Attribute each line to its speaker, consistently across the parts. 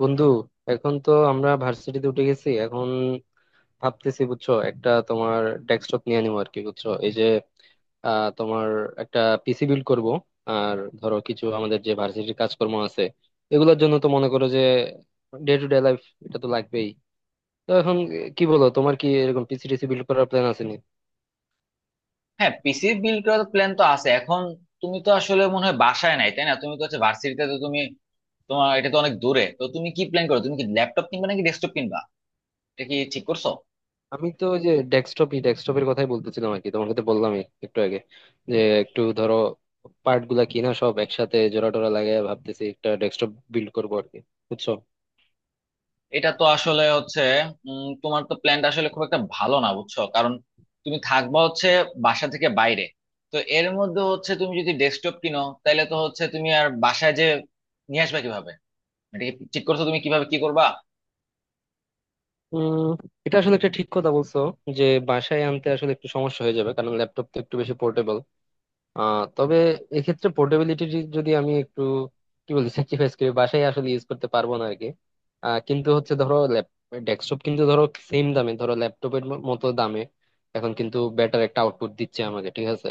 Speaker 1: বন্ধু এখন তো আমরা ভার্সিটিতে উঠে গেছি এখন ভাবতেছি বুঝছো একটা তোমার ডেস্কটপ নিয়ে নিবো আর কি বুঝছো এই যে তোমার একটা পিসি বিল্ড করব। আর ধরো কিছু আমাদের যে ভার্সিটির কাজকর্ম আছে এগুলোর জন্য তো মনে করো যে ডে টু ডে লাইফ এটা তো লাগবেই। তো এখন কি বলো, তোমার কি এরকম পিসি টিসি বিল্ড করার প্ল্যান আছে?
Speaker 2: হ্যাঁ, পিসি বিল্ড করার প্ল্যান তো আছে। এখন তুমি তো আসলে মনে হয় বাসায় নাই, তাই না? তুমি তো হচ্ছে ভার্সিটিতে, তো তুমি, তোমার এটা তো অনেক দূরে। তো তুমি কি প্ল্যান করো? তুমি কি ল্যাপটপ কিনবা নাকি ডেস্কটপ কিনবা? এটা কি ঠিক করছো?
Speaker 1: আমি তো ওই যে ডেস্কটপের কথাই বলতেছিলাম আর কি, তোমাকে তো বললামই একটু আগে যে একটু ধরো পার্ট গুলা কিনা সব একসাথে জোড়া টোরা লাগাই ভাবতেছি একটা ডেস্কটপ বিল্ড করবো আর কি বুঝছো।
Speaker 2: এটা তো আসলে হচ্ছে তোমার তো প্ল্যানটা আসলে খুব একটা ভালো না বুঝছো। কারণ তুমি থাকবা হচ্ছে বাসা থেকে বাইরে। তো এর মধ্যে হচ্ছে তুমি যদি ডেস্কটপ কিনো, তাহলে তো হচ্ছে তুমি আর বাসায় যে নিয়ে আসবা কিভাবে? এটা কি ঠিক করছো তুমি, কিভাবে কি করবা?
Speaker 1: উম এটা আসলে একটা ঠিক কথা বলছো যে বাসায় আনতে আসলে একটু সমস্যা হয়ে যাবে, কারণ ল্যাপটপ তো একটু বেশি পোর্টেবল। আহ তবে এক্ষেত্রে পোর্টেবিলিটি যদি আমি একটু কি বলি, স্যাক্রিফাইস করি, বাসায় আসলে ইউজ করতে পারবো না আরকি। কিন্তু হচ্ছে ধরো ডেস্কটপ কিন্তু ধরো সেম দামে ধরো ল্যাপটপের মতো দামে এখন কিন্তু বেটার একটা আউটপুট দিচ্ছে আমাকে, ঠিক আছে?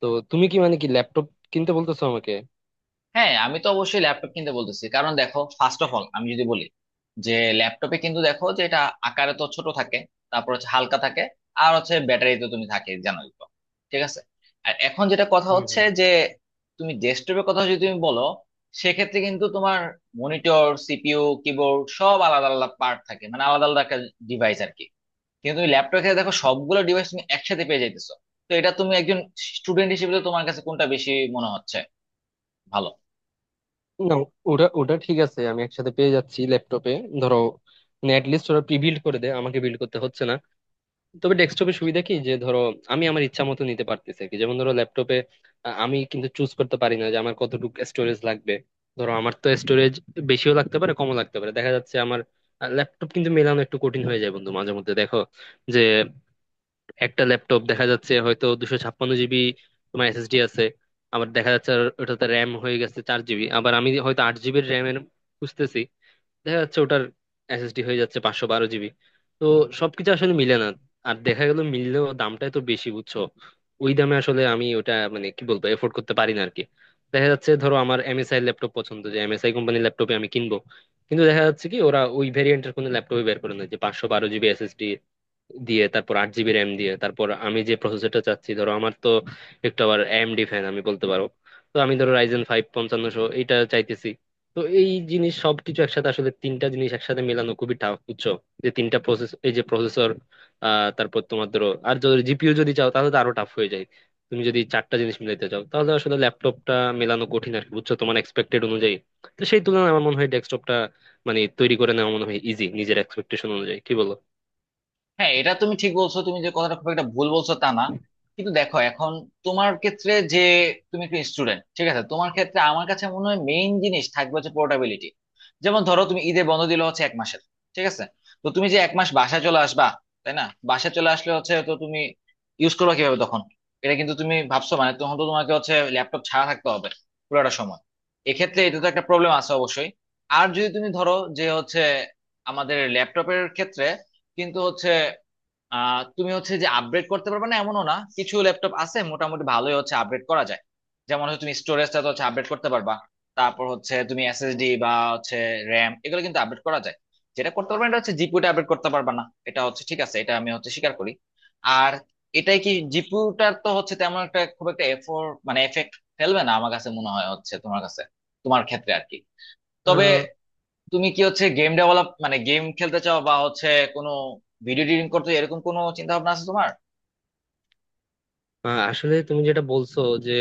Speaker 1: তো তুমি কি মানে কি ল্যাপটপ কিনতে বলতেছো আমাকে?
Speaker 2: হ্যাঁ, আমি তো অবশ্যই ল্যাপটপ কিনতে বলতেছি। কারণ দেখো, ফার্স্ট অফ অল আমি যদি বলি যে ল্যাপটপে কিন্তু দেখো যে এটা আকারে তো ছোট থাকে, তারপর হচ্ছে হালকা থাকে, আর হচ্ছে ব্যাটারি তো তুমি থাকে জানোই তো, ঠিক আছে। আর এখন যেটা কথা
Speaker 1: হুম
Speaker 2: হচ্ছে
Speaker 1: হুম।
Speaker 2: যে তুমি ডেস্কটপের কথা যদি তুমি বলো, সেক্ষেত্রে কিন্তু তোমার মনিটর, সিপিইউ, কিবোর্ড সব আলাদা আলাদা পার্ট থাকে, মানে আলাদা আলাদা একটা ডিভাইস আর কি। কিন্তু তুমি ল্যাপটপে ক্ষেত্রে দেখো সবগুলো ডিভাইস তুমি একসাথে পেয়ে যাইতেছো। তো এটা তুমি একজন স্টুডেন্ট হিসেবে তো তোমার কাছে কোনটা বেশি মনে হচ্ছে ভালো?
Speaker 1: না, ওটা ওটা ঠিক আছে, আমি একসাথে পেয়ে যাচ্ছি ল্যাপটপে, ধরো নেট লিস্ট ওরা প্রি বিল্ড করে দেয়, আমাকে বিল্ড করতে হচ্ছে না। তবে ডেস্কটপের সুবিধা কি যে ধরো আমি আমার ইচ্ছা মতো নিতে পারতেছি আর কি। যেমন ধরো ল্যাপটপে আমি কিন্তু চুজ করতে পারি না যে আমার কতটুকু স্টোরেজ লাগবে। ধরো আমার তো স্টোরেজ বেশিও লাগতে পারে, কমও লাগতে পারে। দেখা যাচ্ছে আমার ল্যাপটপ কিন্তু মেলানো একটু কঠিন হয়ে যায় বন্ধু, মাঝে মধ্যে দেখো যে একটা ল্যাপটপ দেখা যাচ্ছে হয়তো 256 GB তোমার এসএসডি আছে, আবার দেখা যাচ্ছে আর ওটাতে র্যাম হয়ে গেছে 4 GB, আবার আমি হয়তো 8 GB র্যামের খুঁজতেছি, দেখা যাচ্ছে ওটার এসএসডি হয়ে যাচ্ছে 512 GB। তো সবকিছু আসলে মিলে না। আর দেখা গেল মিললেও দামটা তো বেশি বুঝছো, ওই দামে আসলে আমি ওটা মানে কি বলবো এফোর্ড করতে পারি না আরকি। দেখা যাচ্ছে ধরো আমার এমএসআই ল্যাপটপ পছন্দ, যে এমএসআই কোম্পানির ল্যাপটপে আমি কিনবো, কিন্তু দেখা যাচ্ছে কি ওরা ওই ভেরিয়েন্টের কোনো ল্যাপটপই বের করে না যে 512 GB SSD দিয়ে তারপর 8 GB RAM দিয়ে তারপর আমি যে প্রসেসরটা চাচ্ছি। ধরো আমার তো একটু আবার এএমডি ফ্যান আমি বলতে পারো। তো আমি ধরো রাইজেন ফাইভ 5500 এইটা চাইতেছি। তো এই জিনিস সবকিছু একসাথে আসলে তিনটা জিনিস একসাথে মেলানো খুবই টাফ বুঝছো, যে তিনটা প্রসেস এই যে প্রসেসর, আহ তারপর তোমার ধরো আর যদি জিপিইউ যদি চাও তাহলে তো আরো টাফ হয়ে যায়। তুমি যদি চারটা জিনিস মিলাইতে চাও তাহলে আসলে ল্যাপটপটা মেলানো কঠিন আর কি, বুঝছো, তোমার এক্সপেক্টেড অনুযায়ী। তো সেই তুলনায় আমার মনে হয় ডেস্কটপটা মানে তৈরি করে নেওয়া মনে হয় ইজি নিজের এক্সপেকটেশন অনুযায়ী, কি বলো?
Speaker 2: হ্যাঁ, এটা তুমি ঠিক বলছো, তুমি যে কথাটা খুব একটা ভুল বলছো তা না। কিন্তু দেখো, এখন তোমার ক্ষেত্রে যে তুমি একটু স্টুডেন্ট, ঠিক আছে, তোমার ক্ষেত্রে আমার কাছে মনে হয় মেইন জিনিস থাকবে হচ্ছে পোর্টাবিলিটি। যেমন ধরো তুমি ঈদে বন্ধ দিলে হচ্ছে এক মাসের, ঠিক আছে, তো তুমি যে এক মাস বাসায় চলে আসবা, তাই না? বাসায় চলে আসলে হচ্ছে তো তুমি ইউজ করবে কিভাবে তখন? এটা কিন্তু তুমি ভাবছো, মানে তখন তো তোমাকে হচ্ছে ল্যাপটপ ছাড়া থাকতে হবে পুরোটা সময়। এক্ষেত্রে এটা তো একটা প্রবলেম আছে অবশ্যই। আর যদি তুমি ধরো যে হচ্ছে আমাদের ল্যাপটপের ক্ষেত্রে কিন্তু হচ্ছে তুমি হচ্ছে যে আপগ্রেড করতে পারবে না এমনও না, কিছু ল্যাপটপ আছে মোটামুটি ভালোই হচ্ছে আপগ্রেড করা যায়। যেমন হচ্ছে তুমি স্টোরেজটা তো হচ্ছে আপডেট করতে পারবা, তারপর হচ্ছে তুমি এসএসডি বা হচ্ছে র্যাম, এগুলো কিন্তু আপডেট করা যায়। যেটা করতে পারবে না, এটা হচ্ছে জিপিউটা আপডেট করতে পারবা না। এটা হচ্ছে ঠিক আছে, এটা আমি হচ্ছে স্বীকার করি। আর এটাই কি, জিপিউটার তো হচ্ছে তেমন একটা খুব একটা এফোর্ট মানে এফেক্ট ফেলবে না আমার কাছে মনে হয় হচ্ছে তোমার কাছে, তোমার ক্ষেত্রে আর কি। তবে তুমি কি হচ্ছে গেম ডেভেলপ মানে গেম খেলতে চাও বা হচ্ছে কোনো ভিডিও এডিটিং করতে চাও, এরকম কোনো চিন্তা ভাবনা আছে তোমার?
Speaker 1: আসলে তুমি যেটা বলছো যে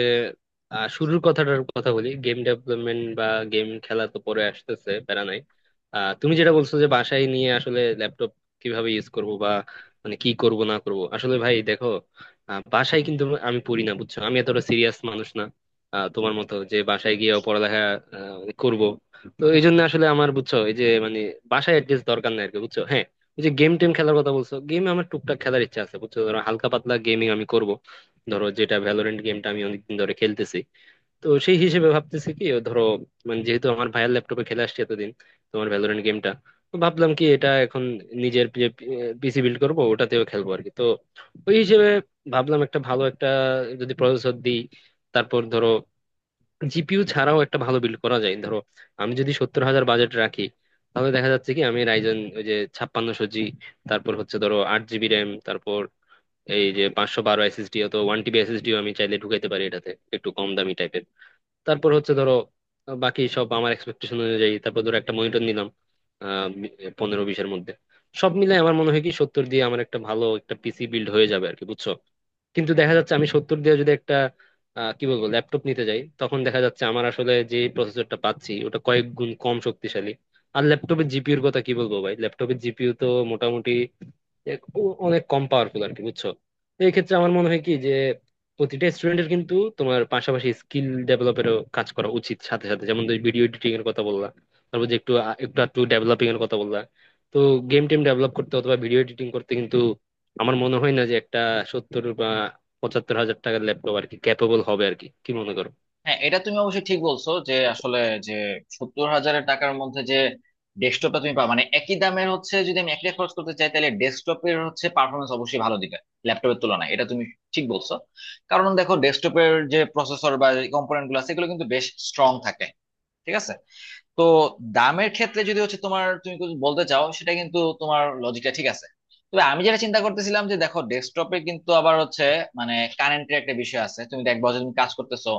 Speaker 1: শুরুর কথাটার কথা বলি, গেম ডেভেলপমেন্ট বা গেম খেলা তো পরে আসতেছে, প্যারা নাই। তুমি যেটা বলছো যে বাসায় নিয়ে আসলে ল্যাপটপ কিভাবে ইউজ করব বা মানে কি করব না করব, আসলে ভাই দেখো, বাসায় কিন্তু আমি পড়ি না বুঝছো, আমি এতটা সিরিয়াস মানুষ না। তোমার মতো যে বাসায় গিয়েও পড়ালেখা করব। তো এই
Speaker 2: হুম।
Speaker 1: জন্য আসলে আমার বুঝছো এই যে মানে বাসায় অ্যাডজাস্ট দরকার নাই আর কি বুঝছো। হ্যাঁ, ওই যে গেম টেম খেলার কথা বলছো, গেম আমার টুকটাক খেলার ইচ্ছা আছে বুঝছো, ধরো হালকা পাতলা গেমিং আমি করব। ধরো যেটা ভ্যালোরেন্ট গেমটা আমি অনেকদিন ধরে খেলতেছি, তো সেই হিসেবে ভাবতেছি কি ও ধরো মানে যেহেতু আমার ভাইয়ের ল্যাপটপে খেলে আসছি এতদিন তোমার ভ্যালোরেন্ট গেমটা, তো ভাবলাম কি এটা এখন নিজের যে পিসি বিল্ড করবো ওটাতেও খেলবো আর কি। তো ওই হিসেবে ভাবলাম একটা ভালো একটা যদি প্রসেসর দিই তারপর ধরো জিপিইউ ছাড়াও একটা ভালো বিল্ড করা যায়। ধরো আমি যদি 70,000 বাজেট রাখি তাহলে দেখা যাচ্ছে কি আমি রাইজন ওই যে 5600 জি, তারপর হচ্ছে ধরো 8 GB RAM, তারপর এই যে 512 GB SSD অথবা 1 TB SSD আমি চাইলে ঢুকাইতে পারি এটাতে একটু কম দামি টাইপের, তারপর হচ্ছে ধরো বাকি সব আমার এক্সপেকটেশন অনুযায়ী, তারপর ধরো একটা মনিটর নিলাম আহ 15-20 মধ্যে, সব মিলে আমার মনে হয় কি 70,000 দিয়ে আমার একটা ভালো একটা পিসি বিল্ড হয়ে যাবে আর কি বুঝছো। কিন্তু দেখা যাচ্ছে আমি 70,000 দিয়ে যদি একটা কি বলবো ল্যাপটপ নিতে যাই তখন দেখা যাচ্ছে আমার আসলে যে প্রসেসরটা পাচ্ছি ওটা কয়েক গুণ কম শক্তিশালী। আর ল্যাপটপের জিপিইউর কথা কি বলবো ভাই, ল্যাপটপের জিপিইউ তো মোটামুটি অনেক কম পাওয়ারফুল আর কি বুঝছো। এই ক্ষেত্রে আমার মনে হয় কি যে প্রতিটা স্টুডেন্টের কিন্তু তোমার পাশাপাশি স্কিল ডেভেলপেরও কাজ করা উচিত সাথে সাথে, যেমন তুমি ভিডিও এডিটিং এর কথা বললা, তারপর যে একটু আ- একটু একটু ডেভেলপিং এর কথা বললা। তো গেম টেম ডেভেলপ করতে অথবা ভিডিও এডিটিং করতে কিন্তু আমার মনে হয় না যে একটা 70-75,000 টাকার ল্যাপটপ আর কি ক্যাপেবল হবে আর কি, কি মনে করো?
Speaker 2: হ্যাঁ, এটা তুমি অবশ্যই ঠিক বলছো যে আসলে যে 70,000 এর টাকার মধ্যে যে ডেস্কটপটা তুমি পাবা, মানে একই দামের হচ্ছে, যদি আমি একটাই খরচ করতে চাই তাহলে ডেস্কটপের হচ্ছে পারফরমেন্স অবশ্যই ভালো দিবে ল্যাপটপের তুলনায়। এটা তুমি ঠিক বলছো। কারণ দেখো ডেস্কটপের যে প্রসেসর বা কম্পোনেন্ট গুলো আছে, এগুলো কিন্তু বেশ স্ট্রং থাকে, ঠিক আছে। তো দামের ক্ষেত্রে যদি হচ্ছে তোমার তুমি কিছু বলতে চাও, সেটা কিন্তু তোমার লজিকটা ঠিক আছে। তবে আমি যেটা চিন্তা করতেছিলাম, যে দেখো ডেস্কটপে কিন্তু আবার হচ্ছে মানে কারেন্টের একটা বিষয় আছে, তুমি দেখবা যে তুমি কাজ করতেছো,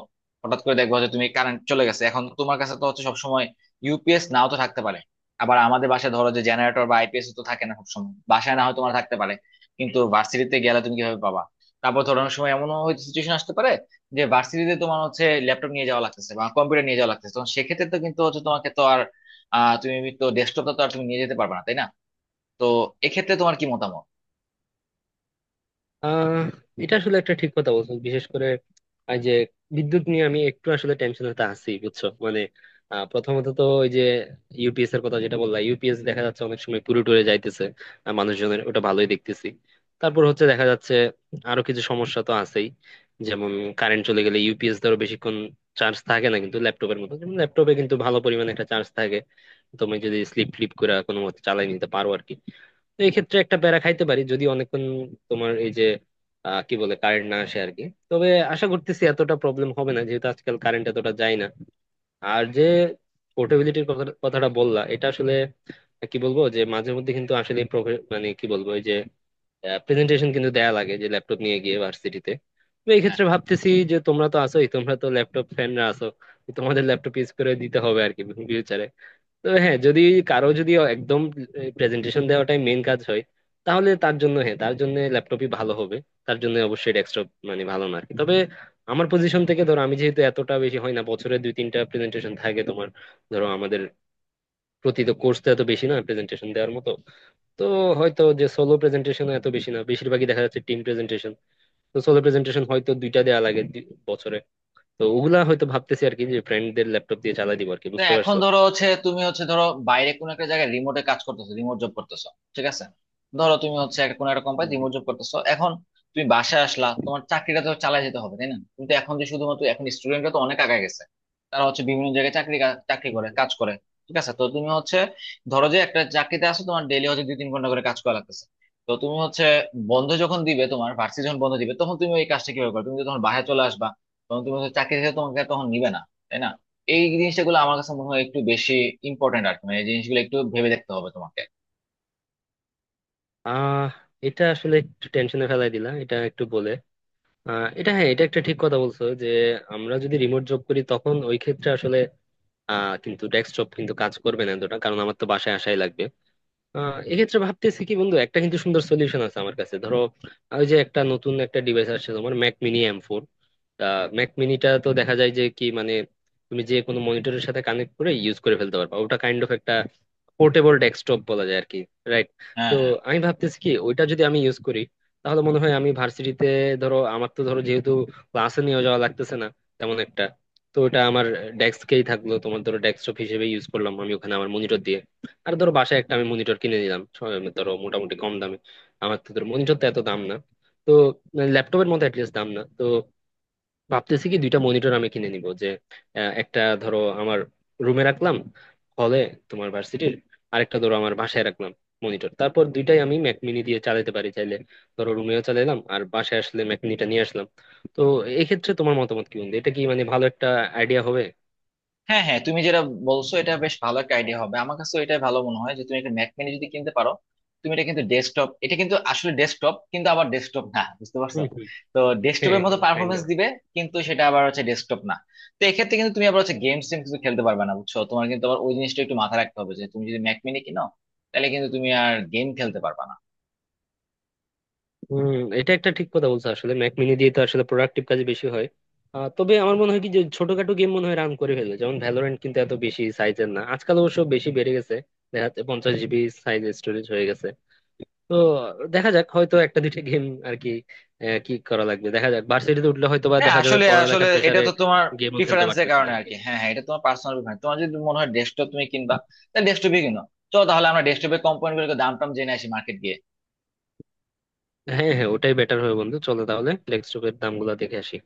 Speaker 2: হঠাৎ করে দেখবা যে তুমি কারেন্ট চলে গেছে, এখন তোমার কাছে তো হচ্ছে সবসময় ইউপিএস নাও তো থাকতে পারে। আবার আমাদের বাসায় ধরো যে জেনারেটর বা আইপিএস তো থাকে না সবসময়, বাসায় না হয় তোমার থাকতে পারে, কিন্তু ভার্সিটিতে গেলে তুমি কিভাবে পাবা? তারপর ধরো অনেক সময় এমনও হয়তো সিচুয়েশন আসতে পারে যে ভার্সিটিতে তোমার হচ্ছে ল্যাপটপ নিয়ে যাওয়া লাগতেছে বা কম্পিউটার নিয়ে যাওয়া লাগতেছে, তো সেক্ষেত্রে তো কিন্তু হচ্ছে তোমাকে তো আর তুমি তো ডেস্কটপটা তো আর তুমি নিয়ে যেতে পারবে না, তাই না? তো এক্ষেত্রে তোমার কি মতামত?
Speaker 1: আহ এটা আসলে একটা ঠিক কথা বলছো, বিশেষ করে এই যে বিদ্যুৎ নিয়ে আমি একটু আসলে টেনশনটা আছি বুঝছো মানে। প্রথমত তো ওই যে ইউপিএস এর কথা যেটা বললাম, ইউপিএস দেখা যাচ্ছে অনেক সময় পুরো টুরে যাইতেছে মানুষজনের, ওটা ভালোই দেখতেছি। তারপর হচ্ছে দেখা যাচ্ছে আরো কিছু সমস্যা তো আছেই, যেমন কারেন্ট চলে গেলে ইউপিএস ধরো বেশিক্ষণ চার্জ থাকে না, কিন্তু ল্যাপটপের মতো, যেমন ল্যাপটপে কিন্তু ভালো পরিমাণে একটা চার্জ থাকে, তুমি যদি স্লিপ ফ্লিপ করে কোনো মতে চালাই নিতে পারো আর কি। তো এই ক্ষেত্রে একটা প্যারা খাইতে পারি যদি অনেকক্ষণ তোমার এই যে কি বলে কারেন্ট না আসে আর কি। তবে আশা করতেছি এতটা প্রবলেম হবে না যেহেতু আজকাল কারেন্ট এতটা যায় না। আর যে পোর্টেবিলিটির কথাটা বললা, এটা আসলে কি বলবো, যে মাঝে মধ্যে কিন্তু আসলে মানে কি বলবো ওই যে প্রেজেন্টেশন কিন্তু দেয়া লাগে যে ল্যাপটপ নিয়ে গিয়ে ভার্সিটিতে। তো এই
Speaker 2: হ্যাঁ।
Speaker 1: ক্ষেত্রে ভাবতেছি যে তোমরা তো আসোই, তোমরা তো ল্যাপটপ ফ্যানরা আছো, তো তোমাদের ল্যাপটপ ইউজ করে দিতে হবে আর কি ফিউচারে। তবে হ্যাঁ, যদি কারো যদি একদম প্রেজেন্টেশন দেওয়াটাই মেন কাজ হয়, তাহলে তার জন্য হ্যাঁ তার জন্য ল্যাপটপই ভালো হবে, তার জন্য অবশ্যই ডেস্কটপ মানে ভালো না আর কি। তবে আমার পজিশন থেকে ধরো আমি যেহেতু এতটা বেশি হয় না, বছরে দুই তিনটা প্রেজেন্টেশন থাকে তোমার, ধরো আমাদের প্রতি তো কোর্স তো এত বেশি না প্রেজেন্টেশন দেওয়ার মতো। তো হয়তো যে সোলো প্রেজেন্টেশন এত বেশি না, বেশিরভাগই দেখা যাচ্ছে টিম প্রেজেন্টেশন। তো সোলো প্রেজেন্টেশন হয়তো দুইটা দেওয়া লাগে বছরে। তো ওগুলা হয়তো ভাবতেছি আর কি যে ফ্রেন্ডদের ল্যাপটপ দিয়ে চালাই দিব আর কি,
Speaker 2: তো
Speaker 1: বুঝতে
Speaker 2: এখন
Speaker 1: পারছো?
Speaker 2: ধরো হচ্ছে তুমি হচ্ছে ধরো বাইরে কোনো একটা জায়গায় রিমোটে কাজ করতেছো, রিমোট জব করতেছো, ঠিক আছে। ধরো তুমি হচ্ছে একটা কোনো একটা কোম্পানি
Speaker 1: হুম,
Speaker 2: রিমোট
Speaker 1: হুম,
Speaker 2: জব করতেছো এখন। তুমি বাসায় আসলা, তোমার চাকরিটা তো চালিয়ে যেতে হবে, তাই না? তুমি তো এখন যে শুধুমাত্র এখন স্টুডেন্টরা তো অনেক আগায় গেছে, তারা হচ্ছে বিভিন্ন জায়গায় চাকরি
Speaker 1: হুম।
Speaker 2: করে
Speaker 1: হুম।
Speaker 2: কাজ করে, ঠিক আছে। তো তুমি হচ্ছে ধরো যে একটা চাকরিতে আছো, তোমার ডেইলি হচ্ছে দুই তিন ঘন্টা করে কাজ করা লাগতেছে। তো তুমি হচ্ছে বন্ধ যখন দিবে, তোমার ভার্সিটি যখন বন্ধ দিবে, তখন তুমি ওই কাজটা কিভাবে করবে? তুমি তো তখন বাসায় চলে আসবা, তখন তুমি হচ্ছে চাকরি থেকে তোমাকে আর তখন নিবে না, তাই না? এই জিনিসটা গুলো আমার কাছে মনে হয় একটু বেশি ইম্পর্টেন্ট আর কি। মানে এই জিনিসগুলো একটু ভেবে দেখতে হবে তোমাকে।
Speaker 1: আহ এটা আসলে একটু টেনশনে ফেলাই দিলা এটা একটু বলে। আহ এটা হ্যাঁ, এটা একটা ঠিক কথা বলছো যে আমরা যদি রিমোট জব করি তখন ওই ক্ষেত্রে আসলে আহ কিন্তু ডেস্ক জব কিন্তু কাজ করবে না এতটা, কারণ আমার তো বাসায় আসাই লাগবে। এক্ষেত্রে ভাবতেছি কি বন্ধু, একটা কিন্তু সুন্দর সলিউশন আছে আমার কাছে। ধরো ওই যে একটা নতুন একটা ডিভাইস আসছে তোমার ম্যাক মিনি M4। ম্যাক মিনিটা তো দেখা যায় যে কি মানে তুমি যে কোনো মনিটরের সাথে কানেক্ট করে ইউজ করে ফেলতে পারবা, ওটা কাইন্ড অফ একটা পোর্টেবল ডেস্কটপ বলা যায় আর কি, রাইট?
Speaker 2: হ্যাঁ
Speaker 1: তো
Speaker 2: হ্যাঁ।
Speaker 1: আমি ভাবতেছি কি ওইটা যদি আমি ইউজ করি তাহলে মনে হয় আমি ভার্সিটিতে ধরো আমার তো ধরো যেহেতু ক্লাসে নিয়ে যাওয়া লাগতেছে না তেমন একটা, তো ওটা আমার ডেস্কেই থাকলো তোমার, ধরো ডেস্কটপ হিসেবে ইউজ করলাম আমি ওখানে আমার মনিটর দিয়ে। আর ধরো বাসায় একটা আমি মনিটর কিনে নিলাম ধরো মোটামুটি কম দামে, আমার তো ধরো মনিটর তো এত দাম না, তো ল্যাপটপের মতো অ্যাটলিস্ট দাম না। তো ভাবতেছি কি দুইটা মনিটর আমি কিনে নিব যে একটা ধরো আমার রুমে রাখলাম হলে তোমার ভার্সিটির, আরেকটা ধরো আমার বাসায় রাখলাম মনিটর, তারপর দুইটাই আমি ম্যাক মিনি দিয়ে চালাতে পারি চাইলে, ধরো রুমেও চালাইলাম আর বাসায় আসলে ম্যাক মিনিটা নিয়ে আসলাম। তো এক্ষেত্রে তোমার মতামত কি বন্ধু, এটা কি মানে ভালো একটা আইডিয়া হবে?
Speaker 2: তুমি যেটা বলছো এটা বেশ ভালো একটা আইডিয়া হবে আমার কাছে, এটা ভালো মনে হয় যে তুমি একটা ম্যাক মিনি যদি কিনতে পারো। তুমি এটা কিন্তু ডেস্কটপ, এটা কিন্তু আসলে ডেস্কটপ কিন্তু আবার ডেস্কটপ না, বুঝতে পারছো?
Speaker 1: হম হম
Speaker 2: তো
Speaker 1: হ্যাঁ,
Speaker 2: ডেস্কটপের মতো
Speaker 1: কাইন্ড।
Speaker 2: পারফরমেন্স দিবে কিন্তু সেটা আবার হচ্ছে ডেস্কটপ না। তো এক্ষেত্রে কিন্তু তুমি আবার হচ্ছে গেমস টেম কিন্তু খেলতে পারবে না বুঝছো, তোমার কিন্তু আবার ওই জিনিসটা একটু মাথায় রাখতে হবে যে তুমি যদি ম্যাক মিনি কিনো, তাহলে কিন্তু তুমি আর গেম খেলতে পারবে না।
Speaker 1: হম, এটা একটা ঠিক কথা বলছো, আসলে ম্যাক মিনি দিয়ে তো আসলে প্রোডাক্টিভ কাজে বেশি হয়। তবে আমার মনে হয় কি যে ছোটখাটো গেম মনে হয় রান করে ফেলে, যেমন ভ্যালোরেন্ট কিন্তু এত বেশি সাইজের না, আজকাল অবশ্য বেশি বেড়ে গেছে, দেখা যাচ্ছে 50 GB সাইজ স্টোরেজ হয়ে গেছে। তো দেখা যাক হয়তো একটা দুইটা গেম আর কি কি করা লাগবে দেখা যাক। ভার্সিটিতে উঠলে হয়তো বা
Speaker 2: হ্যাঁ,
Speaker 1: দেখা যাবে
Speaker 2: আসলে আসলে
Speaker 1: পড়ালেখার
Speaker 2: এটা
Speaker 1: প্রেসারে
Speaker 2: তো তোমার
Speaker 1: গেমও খেলতে
Speaker 2: প্রিফারেন্সের
Speaker 1: পারতেছি না
Speaker 2: কারণে
Speaker 1: আর
Speaker 2: আর
Speaker 1: কি।
Speaker 2: কি। হ্যাঁ হ্যাঁ, এটা তোমার পার্সোনাল প্রিফারেন্স। তোমার যদি মনে হয় ডেস্কটপ তুমি কিনবা, তাহলে ডেস্কটপই কিনো। চলো তাহলে আমরা ডেস্কটপের কম্পোনেন্ট গুলোকে দাম টাম জেনে আসি মার্কেট গিয়ে।
Speaker 1: হ্যাঁ হ্যাঁ ওটাই বেটার হবে বন্ধু, চলো তাহলে ডেস্কটপের দামগুলো দেখে আসি।